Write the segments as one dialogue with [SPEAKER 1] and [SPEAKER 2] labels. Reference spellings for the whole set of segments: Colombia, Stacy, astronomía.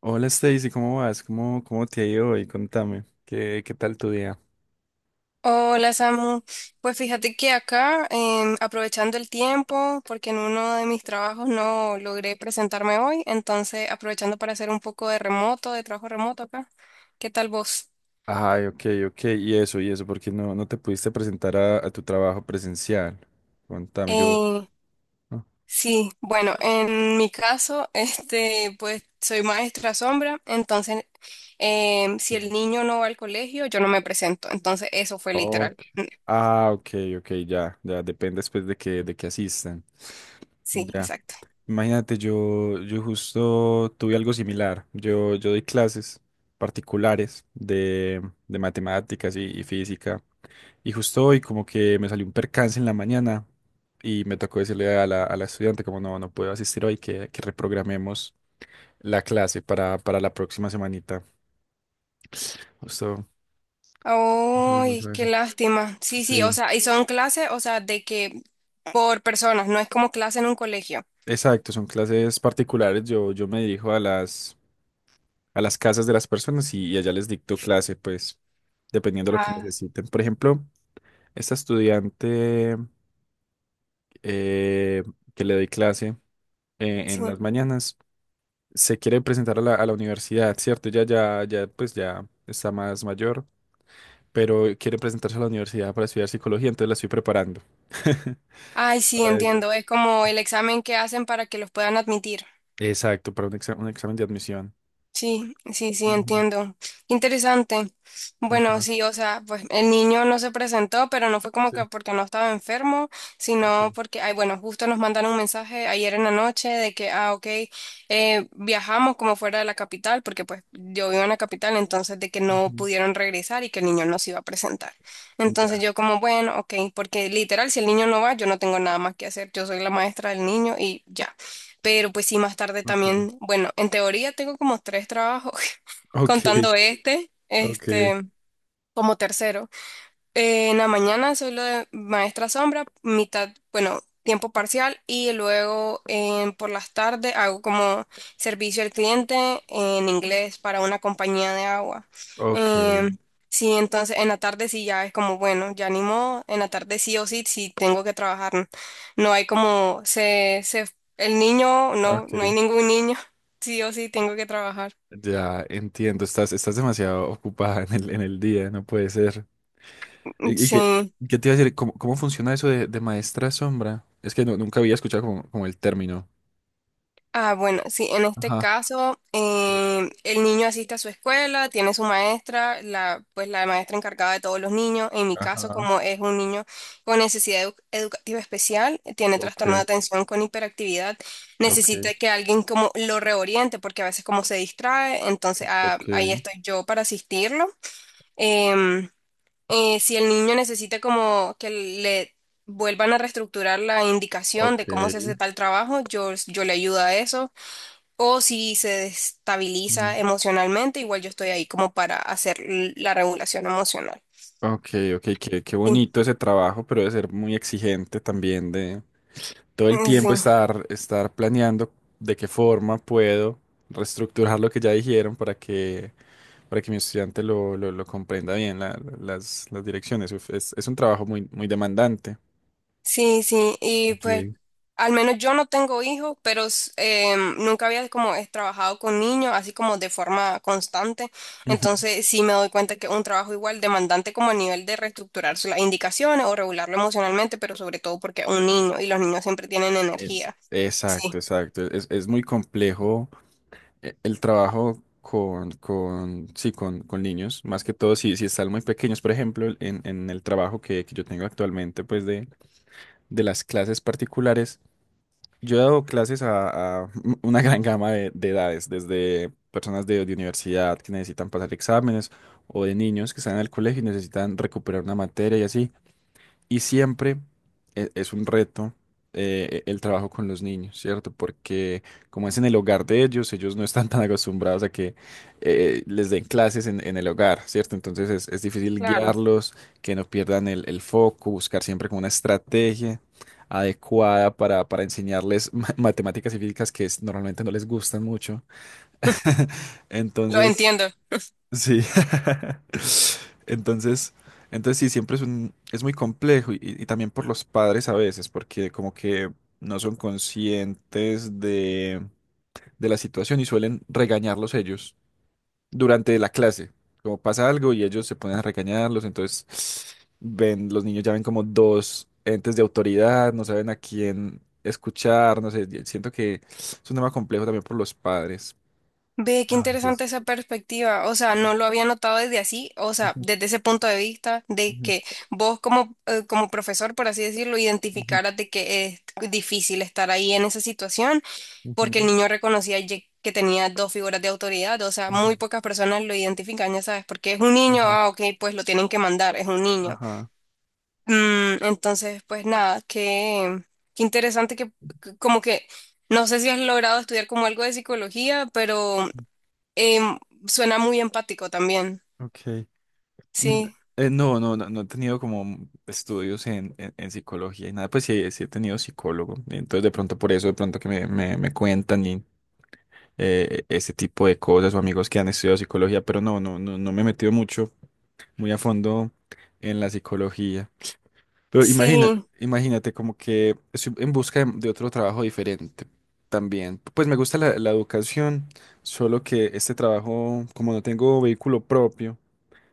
[SPEAKER 1] Hola Stacy, ¿cómo vas? ¿Cómo te ha ido hoy? Contame, ¿qué tal tu día?
[SPEAKER 2] Hola Samu, pues fíjate que acá, aprovechando el tiempo, porque en uno de mis trabajos no logré presentarme hoy, entonces aprovechando para hacer un poco de remoto, de trabajo remoto acá. ¿Qué tal vos?
[SPEAKER 1] Ay, ok, ok, y eso, porque no te pudiste presentar a tu trabajo presencial. Contame, yo.
[SPEAKER 2] Eh,
[SPEAKER 1] Ah,
[SPEAKER 2] sí, bueno, en mi caso, este, pues soy maestra sombra, entonces si
[SPEAKER 1] ok.
[SPEAKER 2] el niño no va al colegio, yo no me presento, entonces eso fue literal.
[SPEAKER 1] Ok. Ah, ok, ok, ya, ya, depende después de que asistan.
[SPEAKER 2] Sí,
[SPEAKER 1] Ya.
[SPEAKER 2] exacto.
[SPEAKER 1] Imagínate, yo justo tuve algo similar. Yo doy clases particulares de matemáticas y física. Y justo hoy como que me salió un percance en la mañana y me tocó decirle a la estudiante como no puedo asistir hoy, que reprogramemos la clase para la próxima semanita. Justo, ajá, por
[SPEAKER 2] Ay,
[SPEAKER 1] eso
[SPEAKER 2] qué
[SPEAKER 1] eso.
[SPEAKER 2] lástima. Sí, sí, o
[SPEAKER 1] Sí.
[SPEAKER 2] sea, y son clases, o sea, de que por personas, no es como clase en un colegio.
[SPEAKER 1] Exacto, son clases particulares. Yo me dirijo a las a las casas de las personas y allá les dicto clase, pues, dependiendo de lo que
[SPEAKER 2] Ah,
[SPEAKER 1] necesiten. Por ejemplo, esta estudiante eh, que le doy clase
[SPEAKER 2] sí.
[SPEAKER 1] en las mañanas se quiere presentar a la universidad, ¿cierto? Ya, ya, ya, pues ya está más mayor, pero quiere presentarse a la universidad para estudiar psicología, entonces la estoy preparando
[SPEAKER 2] Ay, sí,
[SPEAKER 1] para ello.
[SPEAKER 2] entiendo. Es como el examen que hacen para que los puedan admitir.
[SPEAKER 1] Exacto, para un examen de admisión.
[SPEAKER 2] Sí, sí, sí,
[SPEAKER 1] Ujú,
[SPEAKER 2] entiendo. Interesante. Bueno,
[SPEAKER 1] ajá,
[SPEAKER 2] sí, o sea, pues el niño no se presentó, pero no fue como
[SPEAKER 1] sí,
[SPEAKER 2] que porque no estaba enfermo, sino
[SPEAKER 1] ok.
[SPEAKER 2] porque, ay, bueno, justo nos mandaron un mensaje ayer en la noche de que, ah, ok, viajamos como fuera de la capital, porque pues yo vivo en la capital, entonces de que no
[SPEAKER 1] Ujú,
[SPEAKER 2] pudieron regresar y que el niño no se iba a presentar. Entonces
[SPEAKER 1] ya,
[SPEAKER 2] yo como, bueno, ok, porque literal, si el niño no va, yo no tengo nada más que hacer, yo soy la maestra del niño y ya. Pero pues sí, más tarde
[SPEAKER 1] ok.
[SPEAKER 2] también, bueno, en teoría tengo como tres trabajos,
[SPEAKER 1] Ok,
[SPEAKER 2] contando
[SPEAKER 1] ok,
[SPEAKER 2] como tercero. En la mañana soy lo de maestra sombra, mitad, bueno, tiempo parcial y luego por las tardes hago como servicio al cliente en inglés para una compañía de agua.
[SPEAKER 1] ok.
[SPEAKER 2] Em, sí, entonces en la tarde sí ya es como, bueno, ya ni modo, en la tarde sí o sí, sí tengo que trabajar. No hay como, el niño, no, no hay
[SPEAKER 1] Ok,
[SPEAKER 2] ningún niño, sí o sí tengo que trabajar.
[SPEAKER 1] ya entiendo, estás demasiado ocupada en el día, no puede ser. ¿Y, y
[SPEAKER 2] Sí.
[SPEAKER 1] qué, qué te iba a decir? ¿Cómo funciona eso de maestra sombra? Es que no, nunca había escuchado como, como el término.
[SPEAKER 2] Ah, bueno, sí, en este
[SPEAKER 1] Ajá.
[SPEAKER 2] caso,
[SPEAKER 1] Sí.
[SPEAKER 2] el niño asiste a su escuela, tiene su maestra, la, pues la maestra encargada de todos los niños. En mi caso,
[SPEAKER 1] Ajá.
[SPEAKER 2] como es un niño con necesidad educativa especial, tiene trastorno de
[SPEAKER 1] Ok,
[SPEAKER 2] atención con hiperactividad,
[SPEAKER 1] ok,
[SPEAKER 2] necesita que alguien como lo reoriente, porque a veces como se distrae, entonces
[SPEAKER 1] ok,
[SPEAKER 2] ahí estoy yo para asistirlo. Em, si el niño necesita como que le vuelvan a reestructurar la indicación de cómo se hace
[SPEAKER 1] ok.
[SPEAKER 2] tal trabajo, yo le ayudo a eso. O si se
[SPEAKER 1] Mm.
[SPEAKER 2] destabiliza emocionalmente, igual yo estoy ahí como para hacer la regulación emocional.
[SPEAKER 1] Ok, ok, qué
[SPEAKER 2] Sí,
[SPEAKER 1] bonito ese trabajo, pero debe ser muy exigente también todo el
[SPEAKER 2] sí,
[SPEAKER 1] tiempo estar planeando de qué forma puedo reestructurar lo que ya dijeron para que mi estudiante lo comprenda bien, las direcciones. Uf, es un trabajo muy, muy demandante.
[SPEAKER 2] sí, sí. Y pues
[SPEAKER 1] Ok.
[SPEAKER 2] al menos yo no tengo hijos, pero nunca había como trabajado con niños, así como de forma constante.
[SPEAKER 1] Ujú.
[SPEAKER 2] Entonces sí me doy cuenta que es un trabajo igual demandante como a nivel de reestructurar las indicaciones o regularlo emocionalmente, pero sobre todo porque es un niño y los niños siempre tienen
[SPEAKER 1] Es,
[SPEAKER 2] energía.
[SPEAKER 1] exacto,
[SPEAKER 2] Sí,
[SPEAKER 1] exacto. Es muy complejo el trabajo con, sí, con niños, más que todo si, si están muy pequeños. Por ejemplo, en el trabajo que yo tengo actualmente, pues de las clases particulares. Yo he dado clases a una gran gama de edades, desde personas de universidad que necesitan pasar exámenes o de niños que están en el colegio y necesitan recuperar una materia y así. Y siempre es un reto el trabajo con los niños, ¿cierto? Porque como es en el hogar de ellos, ellos no están tan acostumbrados a que les den clases en el hogar, ¿cierto? Entonces es difícil
[SPEAKER 2] claro.
[SPEAKER 1] guiarlos, que no pierdan el foco, buscar siempre como una estrategia adecuada para enseñarles matemáticas y físicas que normalmente no les gustan mucho.
[SPEAKER 2] Lo
[SPEAKER 1] Entonces.
[SPEAKER 2] entiendo.
[SPEAKER 1] Sí. Entonces, entonces sí, siempre es un, es muy complejo y también por los padres a veces, porque como que no son conscientes de la situación y suelen regañarlos ellos durante la clase. Como pasa algo y ellos se ponen a regañarlos, entonces ven, los niños ya ven como dos entes de autoridad, no saben a quién escuchar, no sé, siento que es un tema complejo también por los padres.
[SPEAKER 2] Ve, qué
[SPEAKER 1] A
[SPEAKER 2] interesante
[SPEAKER 1] veces.
[SPEAKER 2] esa perspectiva. O sea, no lo había notado desde así, o sea,
[SPEAKER 1] Ujú,
[SPEAKER 2] desde ese punto de vista de
[SPEAKER 1] ujú,
[SPEAKER 2] que vos como, como profesor, por así decirlo,
[SPEAKER 1] ujú,
[SPEAKER 2] identificaras de que es difícil estar ahí en esa situación, porque el
[SPEAKER 1] ujú.
[SPEAKER 2] niño reconocía ye- que tenía dos figuras de autoridad. O sea, muy
[SPEAKER 1] Ujú.
[SPEAKER 2] pocas personas lo identifican, ya sabes, porque es un niño,
[SPEAKER 1] Ajá,
[SPEAKER 2] ah, ok, pues lo tienen que mandar, es un niño.
[SPEAKER 1] ajá.
[SPEAKER 2] Mm, entonces, pues nada, qué interesante que que- como que... No sé si has logrado estudiar como algo de psicología, pero Em, suena muy empático también.
[SPEAKER 1] Ok. Mm,
[SPEAKER 2] Sí,
[SPEAKER 1] no he tenido como estudios en psicología y nada, pues sí, sí he tenido psicólogo. Entonces, de pronto por eso, de pronto que me cuentan y ese tipo de cosas o amigos que han estudiado psicología, pero no me he metido mucho, muy a fondo en la psicología. Pero imagínate,
[SPEAKER 2] sí,
[SPEAKER 1] imagínate como que estoy en busca de otro trabajo diferente también. Pues me gusta la educación, solo que este trabajo, como no tengo vehículo propio,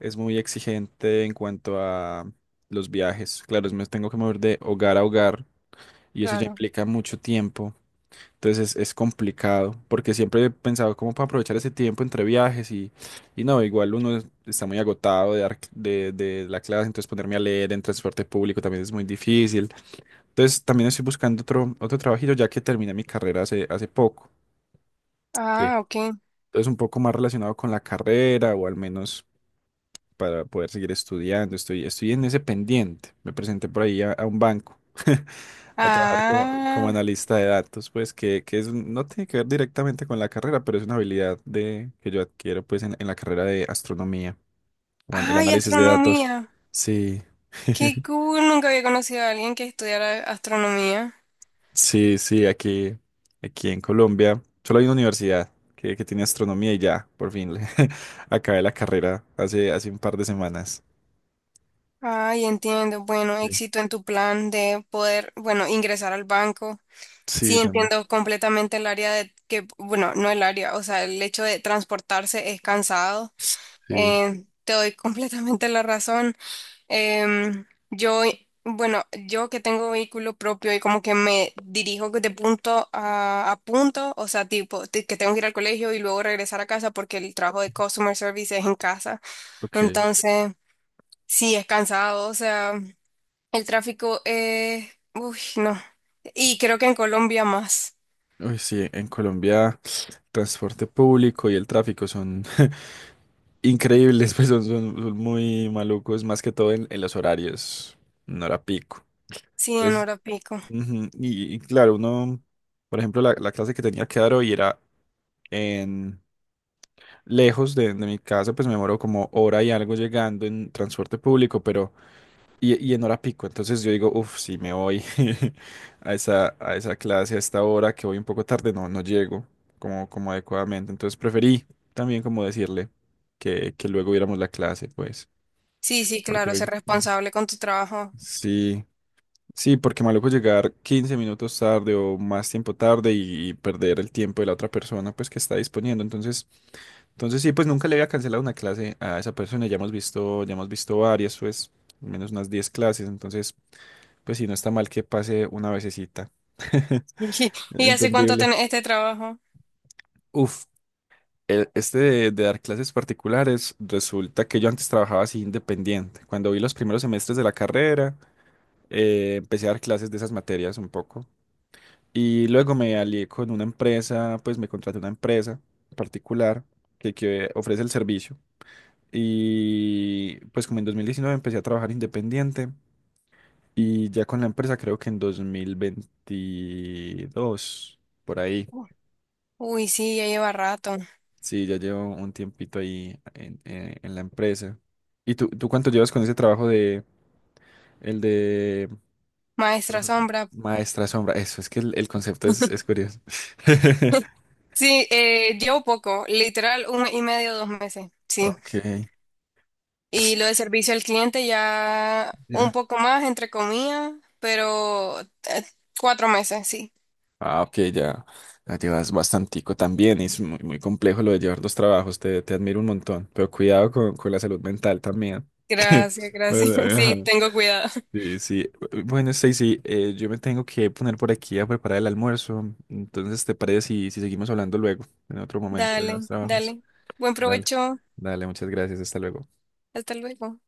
[SPEAKER 1] es muy exigente en cuanto a los viajes. Claro, me tengo que mover de hogar a hogar y eso ya
[SPEAKER 2] claro.
[SPEAKER 1] implica mucho tiempo. Entonces es complicado, porque siempre he pensado cómo para aprovechar ese tiempo entre viajes y no, igual uno está muy agotado de la clase, entonces ponerme a leer en transporte público también es muy difícil. Entonces también estoy buscando otro, otro trabajito ya que terminé mi carrera hace, hace poco. ¿Qué?
[SPEAKER 2] Ah, ok.
[SPEAKER 1] Entonces un poco más relacionado con la carrera o al menos para poder seguir estudiando. Estoy en ese pendiente. Me presenté por ahí a un banco. A trabajar como, como
[SPEAKER 2] Ah,
[SPEAKER 1] analista de datos, pues que es, no tiene que ver directamente con la carrera, pero es una habilidad que yo adquiero pues en la carrera de astronomía o en el
[SPEAKER 2] ay,
[SPEAKER 1] análisis de datos.
[SPEAKER 2] astronomía.
[SPEAKER 1] Sí,
[SPEAKER 2] Qué cool, nunca había conocido a alguien que estudiara astronomía.
[SPEAKER 1] sí, sí, aquí, aquí en Colombia solo hay una universidad que tiene astronomía y ya, por fin, acabé la carrera hace, hace un par de semanas.
[SPEAKER 2] Ay, entiendo. Bueno,
[SPEAKER 1] Sí,
[SPEAKER 2] éxito en tu plan de poder, bueno, ingresar al banco. Sí,
[SPEAKER 1] sí, también.
[SPEAKER 2] entiendo completamente el área de que, bueno, no el área, o sea, el hecho de transportarse es cansado.
[SPEAKER 1] Sí,
[SPEAKER 2] Te doy completamente la razón. Yo, bueno, yo que tengo vehículo propio y como que me dirijo de punto a punto, o sea, tipo, que tengo que ir al colegio y luego regresar a casa porque el trabajo de customer service es en casa.
[SPEAKER 1] ok.
[SPEAKER 2] Entonces, sí, es cansado, o sea, el tráfico es, uy, no. Y creo que en Colombia más,
[SPEAKER 1] Uy, sí, en Colombia transporte público y el tráfico son increíbles, pues son, son muy malucos, más que todo en los horarios, no era pico.
[SPEAKER 2] sí, en
[SPEAKER 1] Entonces,
[SPEAKER 2] hora pico.
[SPEAKER 1] ujú, y claro, uno, por ejemplo, la clase que tenía que dar hoy era en lejos de mi casa, pues me demoró como hora y algo llegando en transporte público, pero y en hora pico. Entonces yo digo, uff, si me voy a esa clase a esta hora que voy un poco tarde, no, no llego como, como adecuadamente. Entonces preferí también como decirle que luego viéramos la clase, pues.
[SPEAKER 2] Sí, sí,
[SPEAKER 1] Porque
[SPEAKER 2] claro,
[SPEAKER 1] hoy.
[SPEAKER 2] ser
[SPEAKER 1] Ujú.
[SPEAKER 2] responsable con tu trabajo.
[SPEAKER 1] Sí, sí, porque maluco llegar 15 minutos tarde o más tiempo tarde y perder el tiempo de la otra persona, pues que está disponiendo. Entonces, entonces sí, pues nunca le había cancelado una clase a esa persona. Ya hemos visto varias, pues, al menos unas 10 clases. Entonces, pues sí, no está mal que pase una vececita.
[SPEAKER 2] ¿Y hace cuánto
[SPEAKER 1] Entendible.
[SPEAKER 2] tenés este trabajo?
[SPEAKER 1] Uf, este de dar clases particulares, resulta que yo antes trabajaba así independiente. Cuando vi los primeros semestres de la carrera, empecé a dar clases de esas materias un poco. Y luego me alié con una empresa, pues me contraté una empresa particular que ofrece el servicio. Y pues como en 2019 empecé a trabajar independiente y ya con la empresa creo que en 2022, por ahí.
[SPEAKER 2] Uy, sí, ya lleva rato.
[SPEAKER 1] Sí, ya llevo un tiempito ahí en la empresa. ¿Y tú cuánto llevas con ese trabajo de el de
[SPEAKER 2] Maestra
[SPEAKER 1] profe-
[SPEAKER 2] Sombra.
[SPEAKER 1] maestra sombra? Eso, es que el concepto es curioso.
[SPEAKER 2] Sí, llevo poco, literal un mes y medio, 2 meses, sí.
[SPEAKER 1] Ok,
[SPEAKER 2] Y lo de servicio al cliente ya un
[SPEAKER 1] ya.
[SPEAKER 2] poco más, entre comillas, pero 4 meses, sí.
[SPEAKER 1] Ah, ok, ya. La llevas bastantico también. Es muy, muy complejo lo de llevar dos trabajos. Te admiro un montón. Pero cuidado con la salud mental también.
[SPEAKER 2] Gracias, gracias.
[SPEAKER 1] Bueno, ajá.
[SPEAKER 2] Sí, tengo cuidado.
[SPEAKER 1] Sí, sí. Bueno, Stacy, yo me tengo que poner por aquí a preparar el almuerzo. Entonces, ¿te parece si seguimos hablando luego, en otro momento de los
[SPEAKER 2] Dale,
[SPEAKER 1] trabajos?
[SPEAKER 2] dale. Buen
[SPEAKER 1] Dale,
[SPEAKER 2] provecho.
[SPEAKER 1] dale, muchas gracias. Hasta luego.
[SPEAKER 2] Hasta luego.